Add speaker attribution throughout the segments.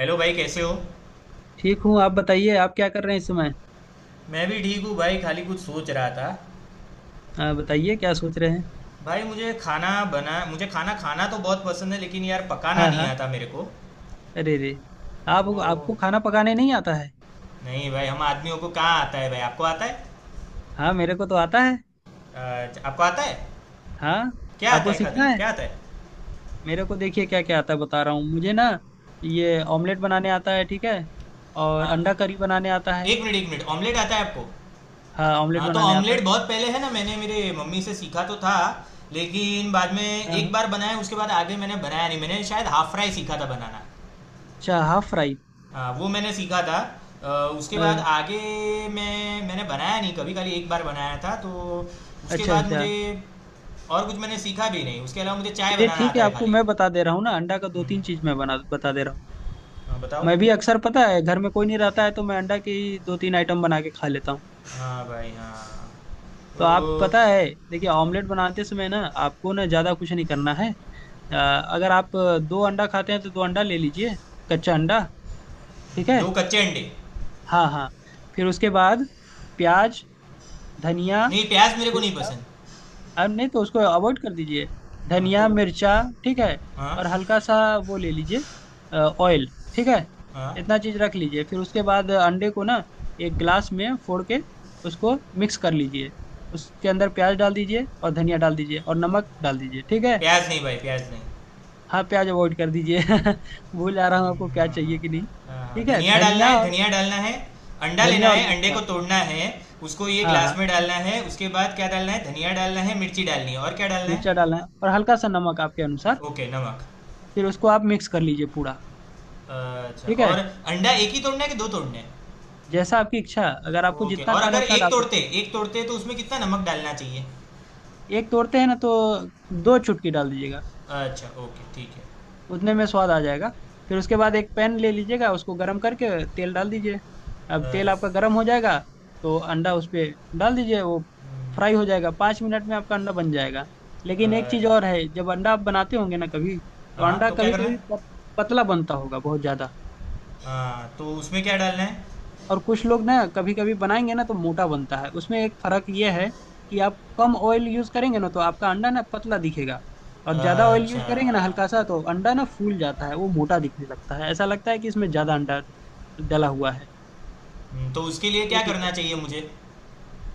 Speaker 1: Hello भाई, कैसे हो?
Speaker 2: ठीक हूँ। आप बताइए, आप क्या कर रहे हैं इस समय?
Speaker 1: मैं भी ठीक हूँ भाई। खाली कुछ सोच रहा था।
Speaker 2: हाँ, बताइए क्या सोच रहे हैं?
Speaker 1: भाई, मुझे खाना खाना तो बहुत पसंद है, लेकिन यार पकाना
Speaker 2: हाँ
Speaker 1: नहीं
Speaker 2: हाँ।
Speaker 1: आता मेरे को।
Speaker 2: अरे रे। आप
Speaker 1: तो
Speaker 2: आपको खाना पकाने नहीं आता है?
Speaker 1: नहीं भाई, हम आदमियों को कहाँ आता है। भाई आपको आता है?
Speaker 2: हाँ, मेरे को तो आता है।
Speaker 1: आपको आता है?
Speaker 2: हाँ।
Speaker 1: क्या आता
Speaker 2: आपको
Speaker 1: है? खाते
Speaker 2: सीखना है।
Speaker 1: क्या आता है?
Speaker 2: मेरे को देखिए क्या क्या आता है बता रहा हूँ मुझे ना। ये ऑमलेट बनाने आता है, ठीक है। और
Speaker 1: आ,
Speaker 2: अंडा करी बनाने आता है।
Speaker 1: एक मिनट एक मिनट, ऑमलेट आता है आपको?
Speaker 2: हाँ, ऑमलेट
Speaker 1: हाँ तो
Speaker 2: बनाने आता
Speaker 1: ऑमलेट
Speaker 2: है।
Speaker 1: बहुत पहले, है ना, मैंने मेरे मम्मी से सीखा तो था। लेकिन बाद में।
Speaker 2: हाँ
Speaker 1: एक
Speaker 2: हाँ।
Speaker 1: बार बनाया, उसके बाद आगे मैंने बनाया नहीं। मैंने शायद हाफ फ्राई सीखा था बनाना।
Speaker 2: अच्छा, हाफ फ्राई।
Speaker 1: हाँ वो मैंने सीखा था। उसके बाद
Speaker 2: अ,
Speaker 1: आगे। मैंने बनाया नहीं कभी, खाली एक बार बनाया था तो। उसके
Speaker 2: अच्छा
Speaker 1: बाद
Speaker 2: अच्छा।
Speaker 1: मुझे। और कुछ मैंने सीखा भी नहीं, उसके अलावा मुझे चाय
Speaker 2: चलिए
Speaker 1: बनाना
Speaker 2: ठीक
Speaker 1: आता
Speaker 2: है,
Speaker 1: है
Speaker 2: आपको
Speaker 1: खाली।
Speaker 2: मैं बता दे रहा हूँ ना अंडा का दो तीन चीज़
Speaker 1: हम्म,
Speaker 2: मैं बना बता दे रहा हूँ।
Speaker 1: हाँ बताओ।
Speaker 2: मैं भी अक्सर, पता है, घर में कोई नहीं रहता है तो मैं अंडा की दो तीन आइटम बना के खा लेता हूँ।
Speaker 1: हाँ भाई, हाँ।
Speaker 2: तो
Speaker 1: तो।
Speaker 2: आप, पता है, देखिए, ऑमलेट बनाते समय ना आपको ना ज़्यादा कुछ नहीं करना है। अगर आप दो अंडा खाते हैं तो दो अंडा ले लीजिए। कच्चा अंडा। ठीक है।
Speaker 1: दो कच्चे अंडे।
Speaker 2: हाँ हाँ। फिर उसके बाद प्याज, धनिया।
Speaker 1: नहीं, प्याज मेरे को नहीं पसंद।
Speaker 2: अब नहीं तो उसको अवॉइड कर दीजिए।
Speaker 1: हाँ तो।
Speaker 2: धनिया, मिर्चा। ठीक है।
Speaker 1: हाँ
Speaker 2: और हल्का सा वो ले लीजिए, ऑयल, ठीक है।
Speaker 1: हाँ।
Speaker 2: इतना चीज रख लीजिए, फिर उसके बाद अंडे को ना एक ग्लास में फोड़ के उसको मिक्स कर लीजिए। उसके अंदर प्याज डाल दीजिए और धनिया डाल दीजिए और नमक डाल दीजिए, ठीक है।
Speaker 1: प्याज नहीं भाई, प्याज नहीं।
Speaker 2: हाँ प्याज अवॉइड कर दीजिए। भूल जा रहा हूँ आपको प्याज
Speaker 1: हाँ,
Speaker 2: चाहिए कि नहीं।
Speaker 1: हाँ, हाँ, हाँ।
Speaker 2: ठीक है,
Speaker 1: धनिया डालना है, धनिया डालना है। अंडा लेना
Speaker 2: धनिया और
Speaker 1: है, अंडे को
Speaker 2: मिर्चा।
Speaker 1: तोड़ना है। उसको ये
Speaker 2: हाँ
Speaker 1: ग्लास
Speaker 2: हाँ।
Speaker 1: में डालना है, उसके बाद क्या डालना है? धनिया डालना है, मिर्ची डालनी है, और क्या डालना
Speaker 2: मिर्चा
Speaker 1: है?
Speaker 2: डालना है और हल्का सा नमक आपके अनुसार।
Speaker 1: ओके, नमक।
Speaker 2: फिर उसको आप मिक्स कर लीजिए पूरा।
Speaker 1: अच्छा,
Speaker 2: ठीक है।
Speaker 1: और अंडा एक ही तोड़ना है कि दो तोड़ने हैं?
Speaker 2: जैसा आपकी इच्छा, अगर आपको
Speaker 1: ओके,
Speaker 2: जितना
Speaker 1: और
Speaker 2: खाना
Speaker 1: अगर
Speaker 2: है उतना
Speaker 1: एक
Speaker 2: डाल
Speaker 1: तोड़ते
Speaker 2: सकते हैं।
Speaker 1: एक तोड़ते तो उसमें कितना नमक डालना चाहिए?
Speaker 2: एक तोड़ते हैं ना तो 2 चुटकी डाल दीजिएगा।
Speaker 1: अच्छा ओके, ठीक है।
Speaker 2: उतने में स्वाद आ जाएगा। फिर उसके बाद एक पैन ले लीजिएगा, उसको गर्म करके तेल डाल दीजिए। अब तेल
Speaker 1: अच्छा।
Speaker 2: आपका गर्म हो जाएगा तो अंडा उस पे डाल दीजिए, वो फ्राई हो
Speaker 1: हम्म।
Speaker 2: जाएगा 5 मिनट में, आपका अंडा बन जाएगा। लेकिन एक चीज़
Speaker 1: अच्छा,
Speaker 2: और है, जब अंडा आप बनाते होंगे ना कभी तो
Speaker 1: हाँ
Speaker 2: अंडा
Speaker 1: तो क्या
Speaker 2: कभी
Speaker 1: करना
Speaker 2: कभी
Speaker 1: है?
Speaker 2: पतला बनता होगा बहुत ज़्यादा।
Speaker 1: हाँ तो उसमें क्या डालना है?
Speaker 2: और कुछ लोग ना कभी कभी बनाएंगे ना तो मोटा बनता है, उसमें एक फर्क ये है कि आप कम ऑयल यूज करेंगे ना तो आपका अंडा ना पतला दिखेगा। और ज्यादा ऑयल यूज
Speaker 1: अच्छा।
Speaker 2: करेंगे ना हल्का सा तो अंडा ना फूल जाता है, वो मोटा दिखने लगता है, ऐसा लगता है कि इसमें ज्यादा अंडा डला हुआ है।
Speaker 1: तो उसके लिए
Speaker 2: ये
Speaker 1: क्या
Speaker 2: चीज
Speaker 1: करना
Speaker 2: है।
Speaker 1: चाहिए मुझे?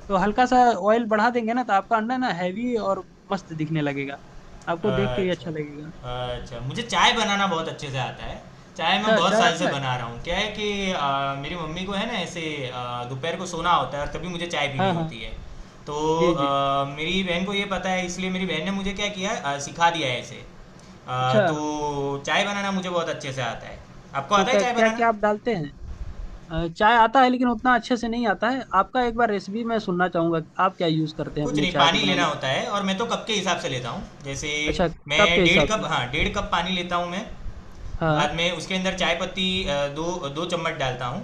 Speaker 2: तो हल्का सा ऑयल बढ़ा देंगे ना तो आपका अंडा ना हैवी और मस्त दिखने लगेगा। आपको देख के ही अच्छा लगेगा।
Speaker 1: अच्छा अच्छा, मुझे चाय बनाना बहुत अच्छे से आता है। चाय मैं
Speaker 2: अच्छा,
Speaker 1: बहुत
Speaker 2: चाय
Speaker 1: साल से
Speaker 2: आता है।
Speaker 1: बना रहा हूँ। क्या है कि मेरी मम्मी को है ना ऐसे। दोपहर को सोना होता है और तभी मुझे चाय पीनी
Speaker 2: हाँ हाँ।
Speaker 1: होती है। तो।
Speaker 2: जी जी।
Speaker 1: मेरी बहन को ये पता है, इसलिए मेरी बहन ने मुझे क्या किया है, सिखा दिया है ऐसे।
Speaker 2: अच्छा,
Speaker 1: तो चाय बनाना मुझे बहुत अच्छे से आता है। आपको
Speaker 2: तो
Speaker 1: आता है
Speaker 2: क्या
Speaker 1: चाय
Speaker 2: क्या
Speaker 1: बनाना?
Speaker 2: क्या आप डालते हैं? चाय आता है लेकिन उतना अच्छे से नहीं आता है, आपका एक बार रेसिपी मैं सुनना चाहूंगा कि आप क्या यूज़ करते हैं
Speaker 1: कुछ
Speaker 2: अपने
Speaker 1: नहीं,
Speaker 2: चाय
Speaker 1: पानी
Speaker 2: को
Speaker 1: लेना
Speaker 2: बनाने के।
Speaker 1: होता है और मैं तो कप के हिसाब से लेता हूँ, जैसे।
Speaker 2: अच्छा,
Speaker 1: मैं
Speaker 2: कप के
Speaker 1: डेढ़
Speaker 2: हिसाब
Speaker 1: कप
Speaker 2: से।
Speaker 1: हाँ, 1½ कप पानी लेता हूँ मैं।
Speaker 2: हाँ।
Speaker 1: बाद में उसके अंदर चाय पत्ती, 2-2 चम्मच डालता हूँ।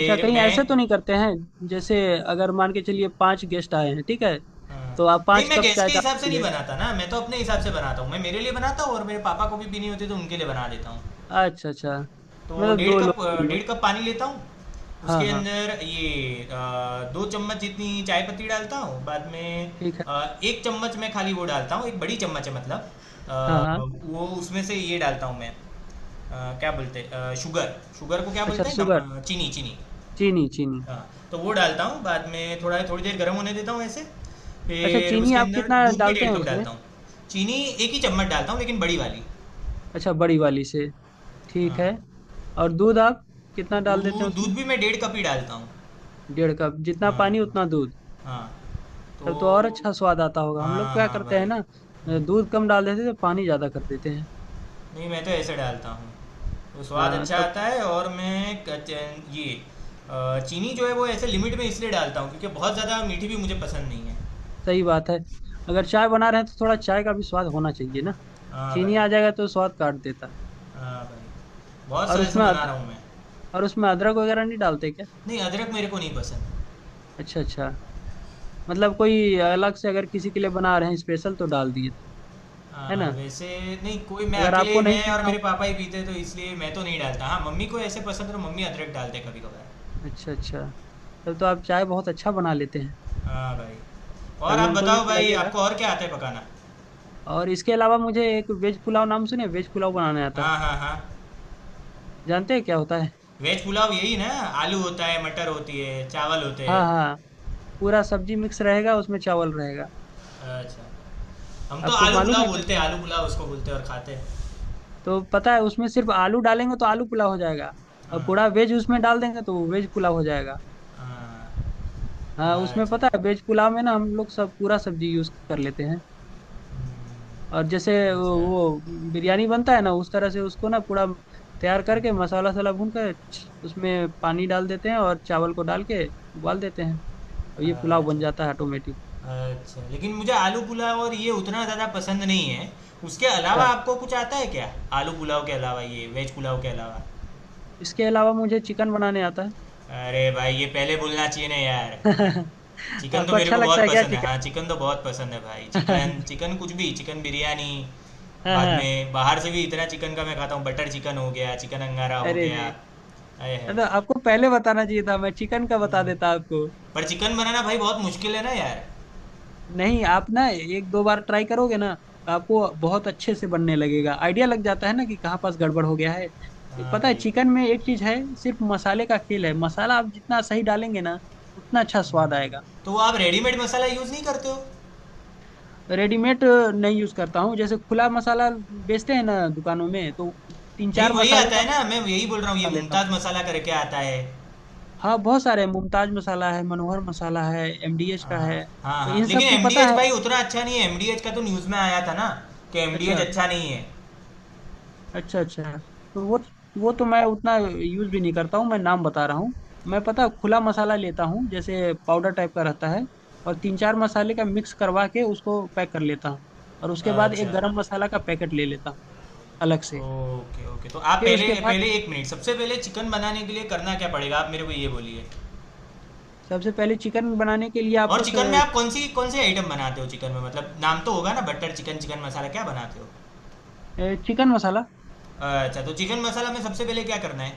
Speaker 2: अच्छा, कहीं
Speaker 1: मैं।
Speaker 2: ऐसे तो नहीं करते हैं जैसे अगर मान के चलिए 5 गेस्ट आए हैं, ठीक है,
Speaker 1: अ,
Speaker 2: तो आप
Speaker 1: नहीं,
Speaker 2: पांच
Speaker 1: मैं
Speaker 2: कप
Speaker 1: गैस
Speaker 2: चाय
Speaker 1: के हिसाब से नहीं
Speaker 2: डालेंगे?
Speaker 1: बनाता ना, मैं तो अपने हिसाब से बनाता हूँ, मैं मेरे लिए बनाता हूँ और मेरे पापा को भी पीनी होती है तो उनके लिए बना देता हूँ।
Speaker 2: अच्छा अच्छा।
Speaker 1: तो
Speaker 2: मतलब
Speaker 1: डेढ़
Speaker 2: दो
Speaker 1: कप
Speaker 2: लोग, तीन
Speaker 1: डेढ़
Speaker 2: लोग।
Speaker 1: कप पानी लेता हूँ।
Speaker 2: हाँ
Speaker 1: उसके
Speaker 2: हाँ।
Speaker 1: अंदर ये, 2 चम्मच जितनी चाय पत्ती डालता हूँ बाद में।
Speaker 2: ठीक है।
Speaker 1: 1 चम्मच मैं खाली वो डालता हूँ, एक बड़ी चम्मच है मतलब।
Speaker 2: हाँ
Speaker 1: अ,
Speaker 2: हाँ।
Speaker 1: वो उसमें से ये डालता हूँ मैं। क्या बोलते हैं शुगर, शुगर को क्या
Speaker 2: अच्छा,
Speaker 1: बोलते हैं,
Speaker 2: शुगर।
Speaker 1: चीनी चीनी।
Speaker 2: चीनी, चीनी।
Speaker 1: हाँ। तो वो डालता हूँ बाद में, थोड़ा थोड़ी देर गर्म होने देता हूँ ऐसे।
Speaker 2: अच्छा,
Speaker 1: फिर
Speaker 2: चीनी
Speaker 1: उसके
Speaker 2: आप
Speaker 1: अंदर
Speaker 2: कितना
Speaker 1: दूध भी
Speaker 2: डालते
Speaker 1: डेढ़
Speaker 2: हैं
Speaker 1: कप
Speaker 2: उसमें?
Speaker 1: डालता हूँ। चीनी 1 ही चम्मच डालता हूँ, लेकिन बड़ी वाली।
Speaker 2: अच्छा, बड़ी वाली से। ठीक
Speaker 1: हाँ।
Speaker 2: है। और दूध आप कितना डाल देते हैं
Speaker 1: दूध
Speaker 2: उसमें?
Speaker 1: दूध भी मैं 1½ कप ही डालता हूँ।
Speaker 2: 1.5 कप जितना
Speaker 1: हाँ।
Speaker 2: पानी
Speaker 1: हाँ
Speaker 2: उतना दूध?
Speaker 1: हाँ। तो।
Speaker 2: तब तो और अच्छा स्वाद आता होगा। हम लोग
Speaker 1: हाँ
Speaker 2: क्या
Speaker 1: हाँ
Speaker 2: करते
Speaker 1: भाई,
Speaker 2: हैं ना,
Speaker 1: हम्म।
Speaker 2: दूध कम डाल देते हैं तो पानी ज़्यादा कर देते हैं।
Speaker 1: नहीं, मैं तो ऐसे डालता हूँ। तो स्वाद
Speaker 2: हाँ
Speaker 1: अच्छा
Speaker 2: तब
Speaker 1: आता
Speaker 2: तो।
Speaker 1: है और मैं ये, चीनी जो है वो ऐसे लिमिट में इसलिए डालता हूँ, क्योंकि बहुत ज़्यादा मीठी भी मुझे पसंद नहीं है।
Speaker 2: सही बात है, अगर चाय बना रहे हैं तो थोड़ा चाय का भी स्वाद होना चाहिए ना।
Speaker 1: हाँ
Speaker 2: चीनी
Speaker 1: भाई।
Speaker 2: आ जाएगा तो स्वाद काट देता है।
Speaker 1: हाँ भाई, बहुत
Speaker 2: और
Speaker 1: साल से बना रहा हूँ मैं।
Speaker 2: और उसमें अदरक वगैरह नहीं डालते क्या?
Speaker 1: नहीं, अदरक मेरे को नहीं पसंद।
Speaker 2: अच्छा अच्छा। मतलब कोई अलग से अगर किसी के लिए बना रहे हैं स्पेशल तो डाल दिए, है
Speaker 1: हाँ,
Speaker 2: ना।
Speaker 1: वैसे। नहीं कोई, मैं
Speaker 2: अगर आपको
Speaker 1: अकेले,
Speaker 2: नहीं
Speaker 1: मैं और
Speaker 2: पीना हो।
Speaker 1: मेरे पापा ही पीते तो इसलिए मैं तो नहीं डालता। हाँ मम्मी को ऐसे पसंद है तो मम्मी अदरक डालते कभी कभार।
Speaker 2: अच्छा अच्छा। तब तो आप चाय बहुत अच्छा बना लेते हैं।
Speaker 1: हाँ भाई। और
Speaker 2: कभी
Speaker 1: आप
Speaker 2: हमको भी
Speaker 1: बताओ भाई,
Speaker 2: पिलाइएगा।
Speaker 1: आपको और क्या आता है पकाना?
Speaker 2: और इसके अलावा मुझे एक वेज पुलाव, नाम सुने, वेज पुलाव बनाने आता है।
Speaker 1: हाँ हाँ हाँ।
Speaker 2: जानते हैं क्या होता है?
Speaker 1: वेज पुलाव, यही ना? आलू होता है, मटर होती है, चावल होते
Speaker 2: हाँ
Speaker 1: हैं।
Speaker 2: हाँ। पूरा सब्जी मिक्स रहेगा उसमें, चावल रहेगा।
Speaker 1: अच्छा, हम तो
Speaker 2: आपको
Speaker 1: आलू
Speaker 2: मालूम
Speaker 1: पुलाव
Speaker 2: है कैसे
Speaker 1: बोलते हैं।
Speaker 2: बनता
Speaker 1: आलू
Speaker 2: है?
Speaker 1: पुलाव उसको बोलते हैं और खाते हैं।
Speaker 2: तो पता है, उसमें सिर्फ आलू डालेंगे तो आलू पुलाव हो जाएगा। और
Speaker 1: हाँ।
Speaker 2: पूरा वेज उसमें डाल देंगे तो वो वेज पुलाव हो जाएगा।
Speaker 1: हाँ।
Speaker 2: हाँ, उसमें
Speaker 1: अच्छा।
Speaker 2: पता है वेज पुलाव में ना हम लोग सब पूरा सब्जी यूज कर लेते हैं। और जैसे
Speaker 1: हम्म। अच्छा
Speaker 2: वो बिरयानी बनता है ना उस तरह से उसको ना पूरा तैयार करके मसाला वसाला भून कर उसमें पानी डाल देते हैं और चावल को डाल के उबाल देते हैं। और ये पुलाव
Speaker 1: अच्छा।
Speaker 2: बन जाता है ऑटोमेटिक।
Speaker 1: अच्छा, लेकिन मुझे आलू पुलाव और ये उतना ज़्यादा पसंद नहीं है। उसके अलावा
Speaker 2: अच्छा,
Speaker 1: आपको कुछ आता है क्या? आलू पुलाव के अलावा ये वेज पुलाव के अलावा।
Speaker 2: इसके अलावा मुझे चिकन बनाने आता है।
Speaker 1: अरे भाई, ये पहले बोलना चाहिए ना यार। चिकन तो
Speaker 2: आपको
Speaker 1: मेरे
Speaker 2: अच्छा
Speaker 1: को
Speaker 2: लगता
Speaker 1: बहुत
Speaker 2: है क्या
Speaker 1: पसंद है। हाँ,
Speaker 2: चिकन?
Speaker 1: चिकन तो बहुत पसंद है भाई। चिकन चिकन कुछ भी, चिकन बिरयानी।
Speaker 2: हाँ
Speaker 1: बाद
Speaker 2: हाँ।
Speaker 1: में बाहर से भी इतना चिकन का मैं खाता हूँ। बटर चिकन हो गया, चिकन अंगारा हो
Speaker 2: अरे
Speaker 1: गया।
Speaker 2: रे।
Speaker 1: आय हाय!
Speaker 2: तो आपको पहले बताना चाहिए था, मैं चिकन का बता
Speaker 1: हुँ,
Speaker 2: देता आपको।
Speaker 1: पर चिकन बनाना भाई बहुत मुश्किल है ना यार।
Speaker 2: नहीं, आप ना एक दो बार ट्राई करोगे ना तो आपको बहुत अच्छे से बनने लगेगा, आइडिया लग जाता है ना कि कहाँ पास गड़बड़ हो गया है। ये
Speaker 1: हाँ
Speaker 2: पता है
Speaker 1: भाई।
Speaker 2: चिकन में एक चीज है, सिर्फ मसाले का खेल है, मसाला आप जितना सही डालेंगे ना उतना अच्छा स्वाद आएगा।
Speaker 1: तो आप रेडीमेड मसाला यूज़ नहीं करते हो?
Speaker 2: रेडीमेड नहीं यूज करता हूँ, जैसे खुला मसाला बेचते हैं ना दुकानों में, तो तीन
Speaker 1: नहीं
Speaker 2: चार
Speaker 1: वही
Speaker 2: मसालों
Speaker 1: आता
Speaker 2: का
Speaker 1: है ना, मैं
Speaker 2: मसाला
Speaker 1: यही बोल रहा हूँ, ये
Speaker 2: लेता हूँ।
Speaker 1: मुमताज मसाला करके आता है।
Speaker 2: हाँ बहुत सारे हैं। मुमताज मसाला है, मनोहर मसाला है, एमडीएच
Speaker 1: आ,
Speaker 2: का है।
Speaker 1: हाँ
Speaker 2: तो
Speaker 1: हाँ,
Speaker 2: इन
Speaker 1: लेकिन
Speaker 2: सबको पता
Speaker 1: एमडीएच
Speaker 2: है।
Speaker 1: भाई उतना अच्छा नहीं है, एमडीएच का तो न्यूज़ में आया था ना, कि एमडीएच
Speaker 2: अच्छा
Speaker 1: अच्छा नहीं है।
Speaker 2: अच्छा। अच्छा तो वो तो मैं उतना यूज भी नहीं करता हूँ, मैं नाम बता रहा हूँ। मैं, पता है, खुला मसाला लेता हूँ, जैसे पाउडर टाइप का रहता है। और तीन चार मसाले का मिक्स करवा के उसको पैक कर लेता हूँ। और उसके बाद एक
Speaker 1: अच्छा।
Speaker 2: गरम मसाला का पैकेट ले लेता हूँ अलग से।
Speaker 1: ओके ओके, तो आप
Speaker 2: फिर
Speaker 1: पहले
Speaker 2: उसके बाद
Speaker 1: पहले, एक मिनट, सबसे पहले चिकन बनाने के लिए करना क्या पड़ेगा, आप मेरे को ये बोलिए।
Speaker 2: सबसे पहले चिकन बनाने के लिए
Speaker 1: और
Speaker 2: आपको।
Speaker 1: चिकन में आप कौन से आइटम बनाते हो चिकन में? मतलब नाम तो होगा ना, बटर चिकन, चिकन मसाला, क्या बनाते हो?
Speaker 2: चिकन मसाला।
Speaker 1: अच्छा, तो चिकन मसाला में सबसे पहले क्या करना है?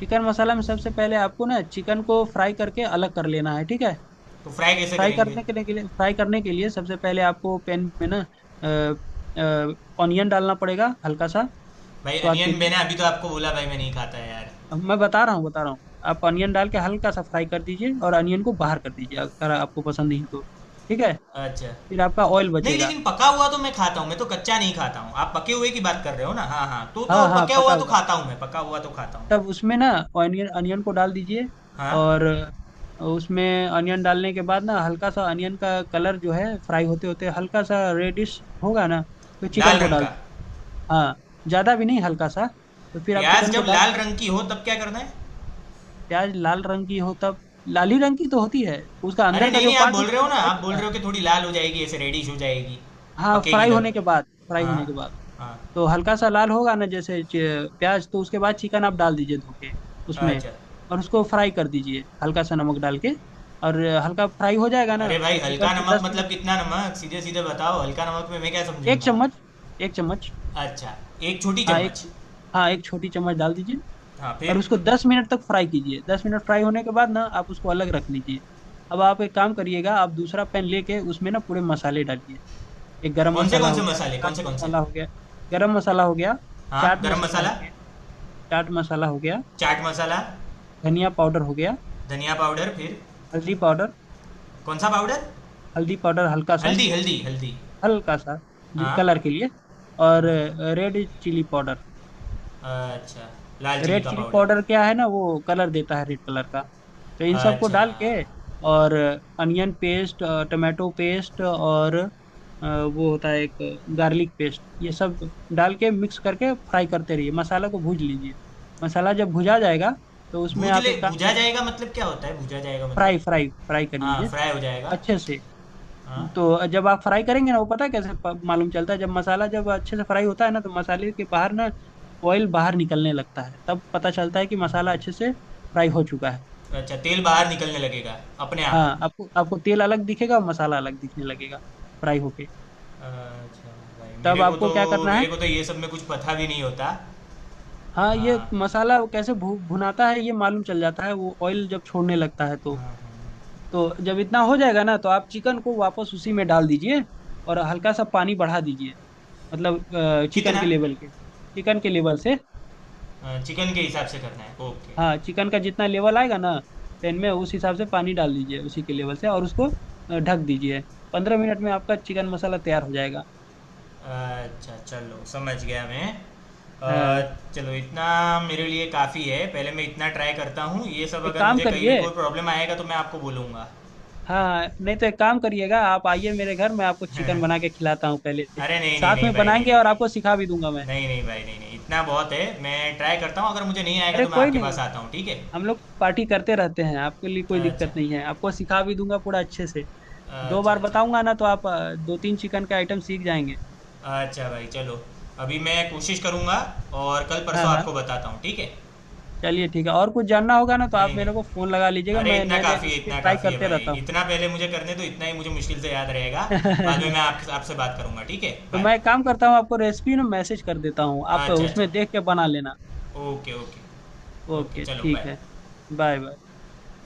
Speaker 2: चिकन मसाला में सबसे पहले आपको ना चिकन को फ्राई करके अलग कर लेना है, ठीक है।
Speaker 1: तो फ्राई कैसे करेंगे?
Speaker 2: फ्राई करने के लिए सबसे पहले आपको पैन में ना ऑनियन डालना पड़ेगा हल्का सा।
Speaker 1: भाई
Speaker 2: स्वाद
Speaker 1: अनियन
Speaker 2: के लिए।
Speaker 1: मैंने अभी तो आपको बोला भाई, मैं नहीं खाता है यार।
Speaker 2: अब मैं बता रहा हूँ, बता रहा हूँ आप ऑनियन डाल के हल्का सा फ्राई कर दीजिए और ऑनियन को बाहर कर दीजिए अगर आपको पसंद नहीं है तो। ठीक है।
Speaker 1: अच्छा।
Speaker 2: फिर आपका ऑयल
Speaker 1: नहीं,
Speaker 2: बचेगा।
Speaker 1: लेकिन पका हुआ तो मैं खाता हूँ, मैं तो कच्चा नहीं खाता हूँ। आप पके हुए की बात कर रहे हो ना? हाँ हाँ, तो
Speaker 2: हाँ
Speaker 1: तो
Speaker 2: हाँ,
Speaker 1: पका
Speaker 2: पका
Speaker 1: हुआ तो
Speaker 2: हुआ।
Speaker 1: खाता हूँ, मैं पका हुआ तो खाता
Speaker 2: तब
Speaker 1: हूँ।
Speaker 2: उसमें ना ऑनियन ऑनियन को डाल दीजिए।
Speaker 1: हाँ।
Speaker 2: और उसमें ऑनियन डालने के बाद ना हल्का सा ऑनियन का कलर जो है फ्राई होते होते हल्का सा रेडिश होगा ना तो चिकन
Speaker 1: लाल
Speaker 2: को
Speaker 1: रंग
Speaker 2: डाल।
Speaker 1: का।
Speaker 2: हाँ, ज्यादा भी नहीं, हल्का सा। तो फिर आप
Speaker 1: प्याज
Speaker 2: चिकन को
Speaker 1: जब
Speaker 2: डाल
Speaker 1: लाल
Speaker 2: के
Speaker 1: रंग की हो तब क्या करना है?
Speaker 2: प्याज लाल रंग की हो तब, लाली रंग की तो होती है, उसका
Speaker 1: अरे
Speaker 2: अंदर का
Speaker 1: नहीं
Speaker 2: जो
Speaker 1: नहीं, आप
Speaker 2: पार्ट
Speaker 1: बोल
Speaker 2: होता
Speaker 1: रहे
Speaker 2: है
Speaker 1: हो
Speaker 2: ना
Speaker 1: ना,
Speaker 2: व्हाइट
Speaker 1: आप बोल
Speaker 2: होता है।
Speaker 1: रहे हो कि थोड़ी लाल हो जाएगी, ऐसे रेडिश हो जाएगी।
Speaker 2: हाँ,
Speaker 1: पकेगी
Speaker 2: फ्राई
Speaker 1: तब।
Speaker 2: होने के बाद, फ्राई
Speaker 1: हाँ।
Speaker 2: होने के बाद।
Speaker 1: हाँ।
Speaker 2: तो हल्का सा लाल होगा ना जैसे प्याज, तो उसके बाद चिकन आप डाल दीजिए धो के उसमें।
Speaker 1: अच्छा।
Speaker 2: और उसको फ्राई कर दीजिए हल्का सा नमक डाल के। और हल्का फ्राई हो जाएगा ना
Speaker 1: अरे भाई,
Speaker 2: तो चिकन
Speaker 1: हल्का
Speaker 2: को
Speaker 1: नमक
Speaker 2: 10 मिनट
Speaker 1: मतलब
Speaker 2: बाद।
Speaker 1: कितना नमक, सीधे सीधे बताओ, हल्का नमक में मैं क्या
Speaker 2: एक
Speaker 1: समझूंगा?
Speaker 2: चम्मच, एक चम्मच।
Speaker 1: अच्छा। एक छोटी
Speaker 2: हाँ एक,
Speaker 1: चम्मच
Speaker 2: हाँ एक छोटी चम्मच डाल दीजिए।
Speaker 1: हाँ
Speaker 2: और
Speaker 1: फिर?
Speaker 2: उसको 10 मिनट तक फ्राई कीजिए, 10 मिनट फ्राई होने के बाद ना आप उसको अलग रख लीजिए। अब आप एक काम करिएगा, आप दूसरा पैन लेके उसमें ना पूरे मसाले डालिए। एक गरम मसाला
Speaker 1: कौन
Speaker 2: हो
Speaker 1: से
Speaker 2: गया,
Speaker 1: मसाले, कौन
Speaker 2: चाट
Speaker 1: से कौन से?
Speaker 2: मसाला हो गया। गरम मसाला हो गया।
Speaker 1: हाँ,
Speaker 2: चाट
Speaker 1: गरम
Speaker 2: मसाला हो
Speaker 1: मसाला।
Speaker 2: गया। चाट मसाला हो गया।
Speaker 1: चाट मसाला।
Speaker 2: धनिया पाउडर हो गया।
Speaker 1: धनिया पाउडर, फिर?
Speaker 2: हल्दी पाउडर,
Speaker 1: कौन सा पाउडर?
Speaker 2: हल्दी पाउडर हल्का सा।
Speaker 1: हल्दी हल्दी हल्दी।
Speaker 2: हल्का सा,
Speaker 1: हाँ।
Speaker 2: कलर के लिए। और
Speaker 1: हाँ।
Speaker 2: Red chilli powder.
Speaker 1: अच्छा। लाल चिली
Speaker 2: रेड
Speaker 1: का
Speaker 2: चिली
Speaker 1: पाउडर।
Speaker 2: पाउडर क्या है ना, वो कलर देता है, रेड कलर का। तो इन सबको
Speaker 1: अच्छा।
Speaker 2: डाल के और अनियन पेस्ट, टमाटो पेस्ट, और वो होता है एक गार्लिक पेस्ट। ये सब डाल के मिक्स करके फ्राई करते रहिए, मसाला को भूज लीजिए। मसाला जब भुजा जाएगा तो उसमें आप एक काम
Speaker 1: भूजा
Speaker 2: करिए।
Speaker 1: जाएगा मतलब क्या होता है, भूजा जाएगा मतलब?
Speaker 2: फ्राई फ्राई फ्राई कर
Speaker 1: हाँ
Speaker 2: लीजिए
Speaker 1: फ्राई हो जाएगा।
Speaker 2: अच्छे से।
Speaker 1: हाँ।
Speaker 2: तो जब आप फ्राई करेंगे ना, वो पता है कैसे मालूम चलता है, जब मसाला जब अच्छे से फ्राई होता है ना तो मसाले के बाहर ना ऑयल बाहर निकलने लगता है, तब पता चलता है कि मसाला अच्छे से फ्राई हो चुका है।
Speaker 1: अच्छा, तेल बाहर निकलने लगेगा। अपने
Speaker 2: हाँ,
Speaker 1: आप।
Speaker 2: आपको, आपको तेल अलग दिखेगा और मसाला अलग दिखने लगेगा फ्राई होके।
Speaker 1: अच्छा। भाई मेरे
Speaker 2: तब
Speaker 1: को
Speaker 2: आपको
Speaker 1: तो।
Speaker 2: क्या करना
Speaker 1: मेरे
Speaker 2: है।
Speaker 1: को तो ये सब में कुछ पता भी नहीं होता।
Speaker 2: हाँ, ये
Speaker 1: हाँ।
Speaker 2: मसाला कैसे भुनाता है ये मालूम चल जाता है, वो ऑयल जब छोड़ने लगता है तो।
Speaker 1: हाँ, हाँ।
Speaker 2: तो जब इतना हो जाएगा ना तो आप चिकन को वापस उसी में डाल दीजिए। और हल्का सा पानी बढ़ा दीजिए। मतलब चिकन
Speaker 1: कितना?
Speaker 2: के लेवल के, चिकन के लेवल से।
Speaker 1: चिकन के हिसाब से करना है, ओके।
Speaker 2: हाँ, चिकन का जितना लेवल आएगा ना पैन में, उस हिसाब से पानी डाल दीजिए उसी के लेवल से, और उसको ढक दीजिए। 15 मिनट में आपका चिकन मसाला तैयार हो जाएगा।
Speaker 1: अच्छा चलो, समझ गया मैं,
Speaker 2: हाँ।
Speaker 1: चलो इतना। मेरे लिए काफ़ी है, पहले मैं इतना ट्राई करता हूँ ये सब,
Speaker 2: एक
Speaker 1: अगर
Speaker 2: काम
Speaker 1: मुझे कहीं भी
Speaker 2: करिए।
Speaker 1: कोई प्रॉब्लम आएगा तो मैं आपको बोलूँगा।
Speaker 2: हाँ, नहीं तो एक काम करिएगा, आप आइए मेरे घर, मैं आपको चिकन
Speaker 1: अरे।
Speaker 2: बना के खिलाता हूँ पहले।
Speaker 1: नहीं नहीं
Speaker 2: साथ
Speaker 1: नहीं
Speaker 2: में
Speaker 1: भाई, नहीं
Speaker 2: बनाएंगे
Speaker 1: नहीं
Speaker 2: और
Speaker 1: नहीं।
Speaker 2: आपको सिखा भी दूंगा मैं।
Speaker 1: नहीं नहीं भाई, नहीं नहीं, इतना बहुत है, मैं ट्राई करता हूँ, अगर मुझे नहीं आएगा
Speaker 2: अरे,
Speaker 1: तो मैं
Speaker 2: कोई
Speaker 1: आपके पास
Speaker 2: नहीं,
Speaker 1: आता हूँ, ठीक है?
Speaker 2: हम लोग पार्टी करते रहते हैं, आपके लिए कोई
Speaker 1: अच्छा।
Speaker 2: दिक्कत नहीं है, आपको सिखा भी दूंगा पूरा अच्छे से। दो
Speaker 1: अच्छा
Speaker 2: बार
Speaker 1: अच्छा।
Speaker 2: बताऊंगा ना तो आप दो तीन चिकन का आइटम सीख जाएंगे।
Speaker 1: अच्छा भाई, चलो। अभी मैं कोशिश करूँगा। और कल
Speaker 2: हाँ
Speaker 1: परसों
Speaker 2: हाँ।
Speaker 1: आपको बताता हूँ, ठीक है?
Speaker 2: चलिए ठीक है, और कुछ जानना होगा ना तो
Speaker 1: नहीं
Speaker 2: आप
Speaker 1: नहीं।
Speaker 2: मेरे को फोन लगा लीजिएगा,
Speaker 1: अरे,
Speaker 2: मैं
Speaker 1: इतना
Speaker 2: नए नए
Speaker 1: काफ़ी है,
Speaker 2: रेसिपी
Speaker 1: इतना
Speaker 2: ट्राई
Speaker 1: काफ़ी है
Speaker 2: करते
Speaker 1: भाई,
Speaker 2: रहता हूँ।
Speaker 1: इतना पहले मुझे करने दो, इतना ही मुझे मुश्किल से याद रहेगा। बाद में मैं आपके आपसे बात करूँगा, ठीक है?
Speaker 2: तो
Speaker 1: बाय।
Speaker 2: मैं एक काम करता हूँ, आपको रेसिपी ना मैसेज कर देता हूँ, आप
Speaker 1: अच्छा अच्छा।
Speaker 2: उसमें देख के बना लेना।
Speaker 1: Okay okay. ओके
Speaker 2: ओके
Speaker 1: चलो,
Speaker 2: ठीक
Speaker 1: बाय।
Speaker 2: है। Bye bye.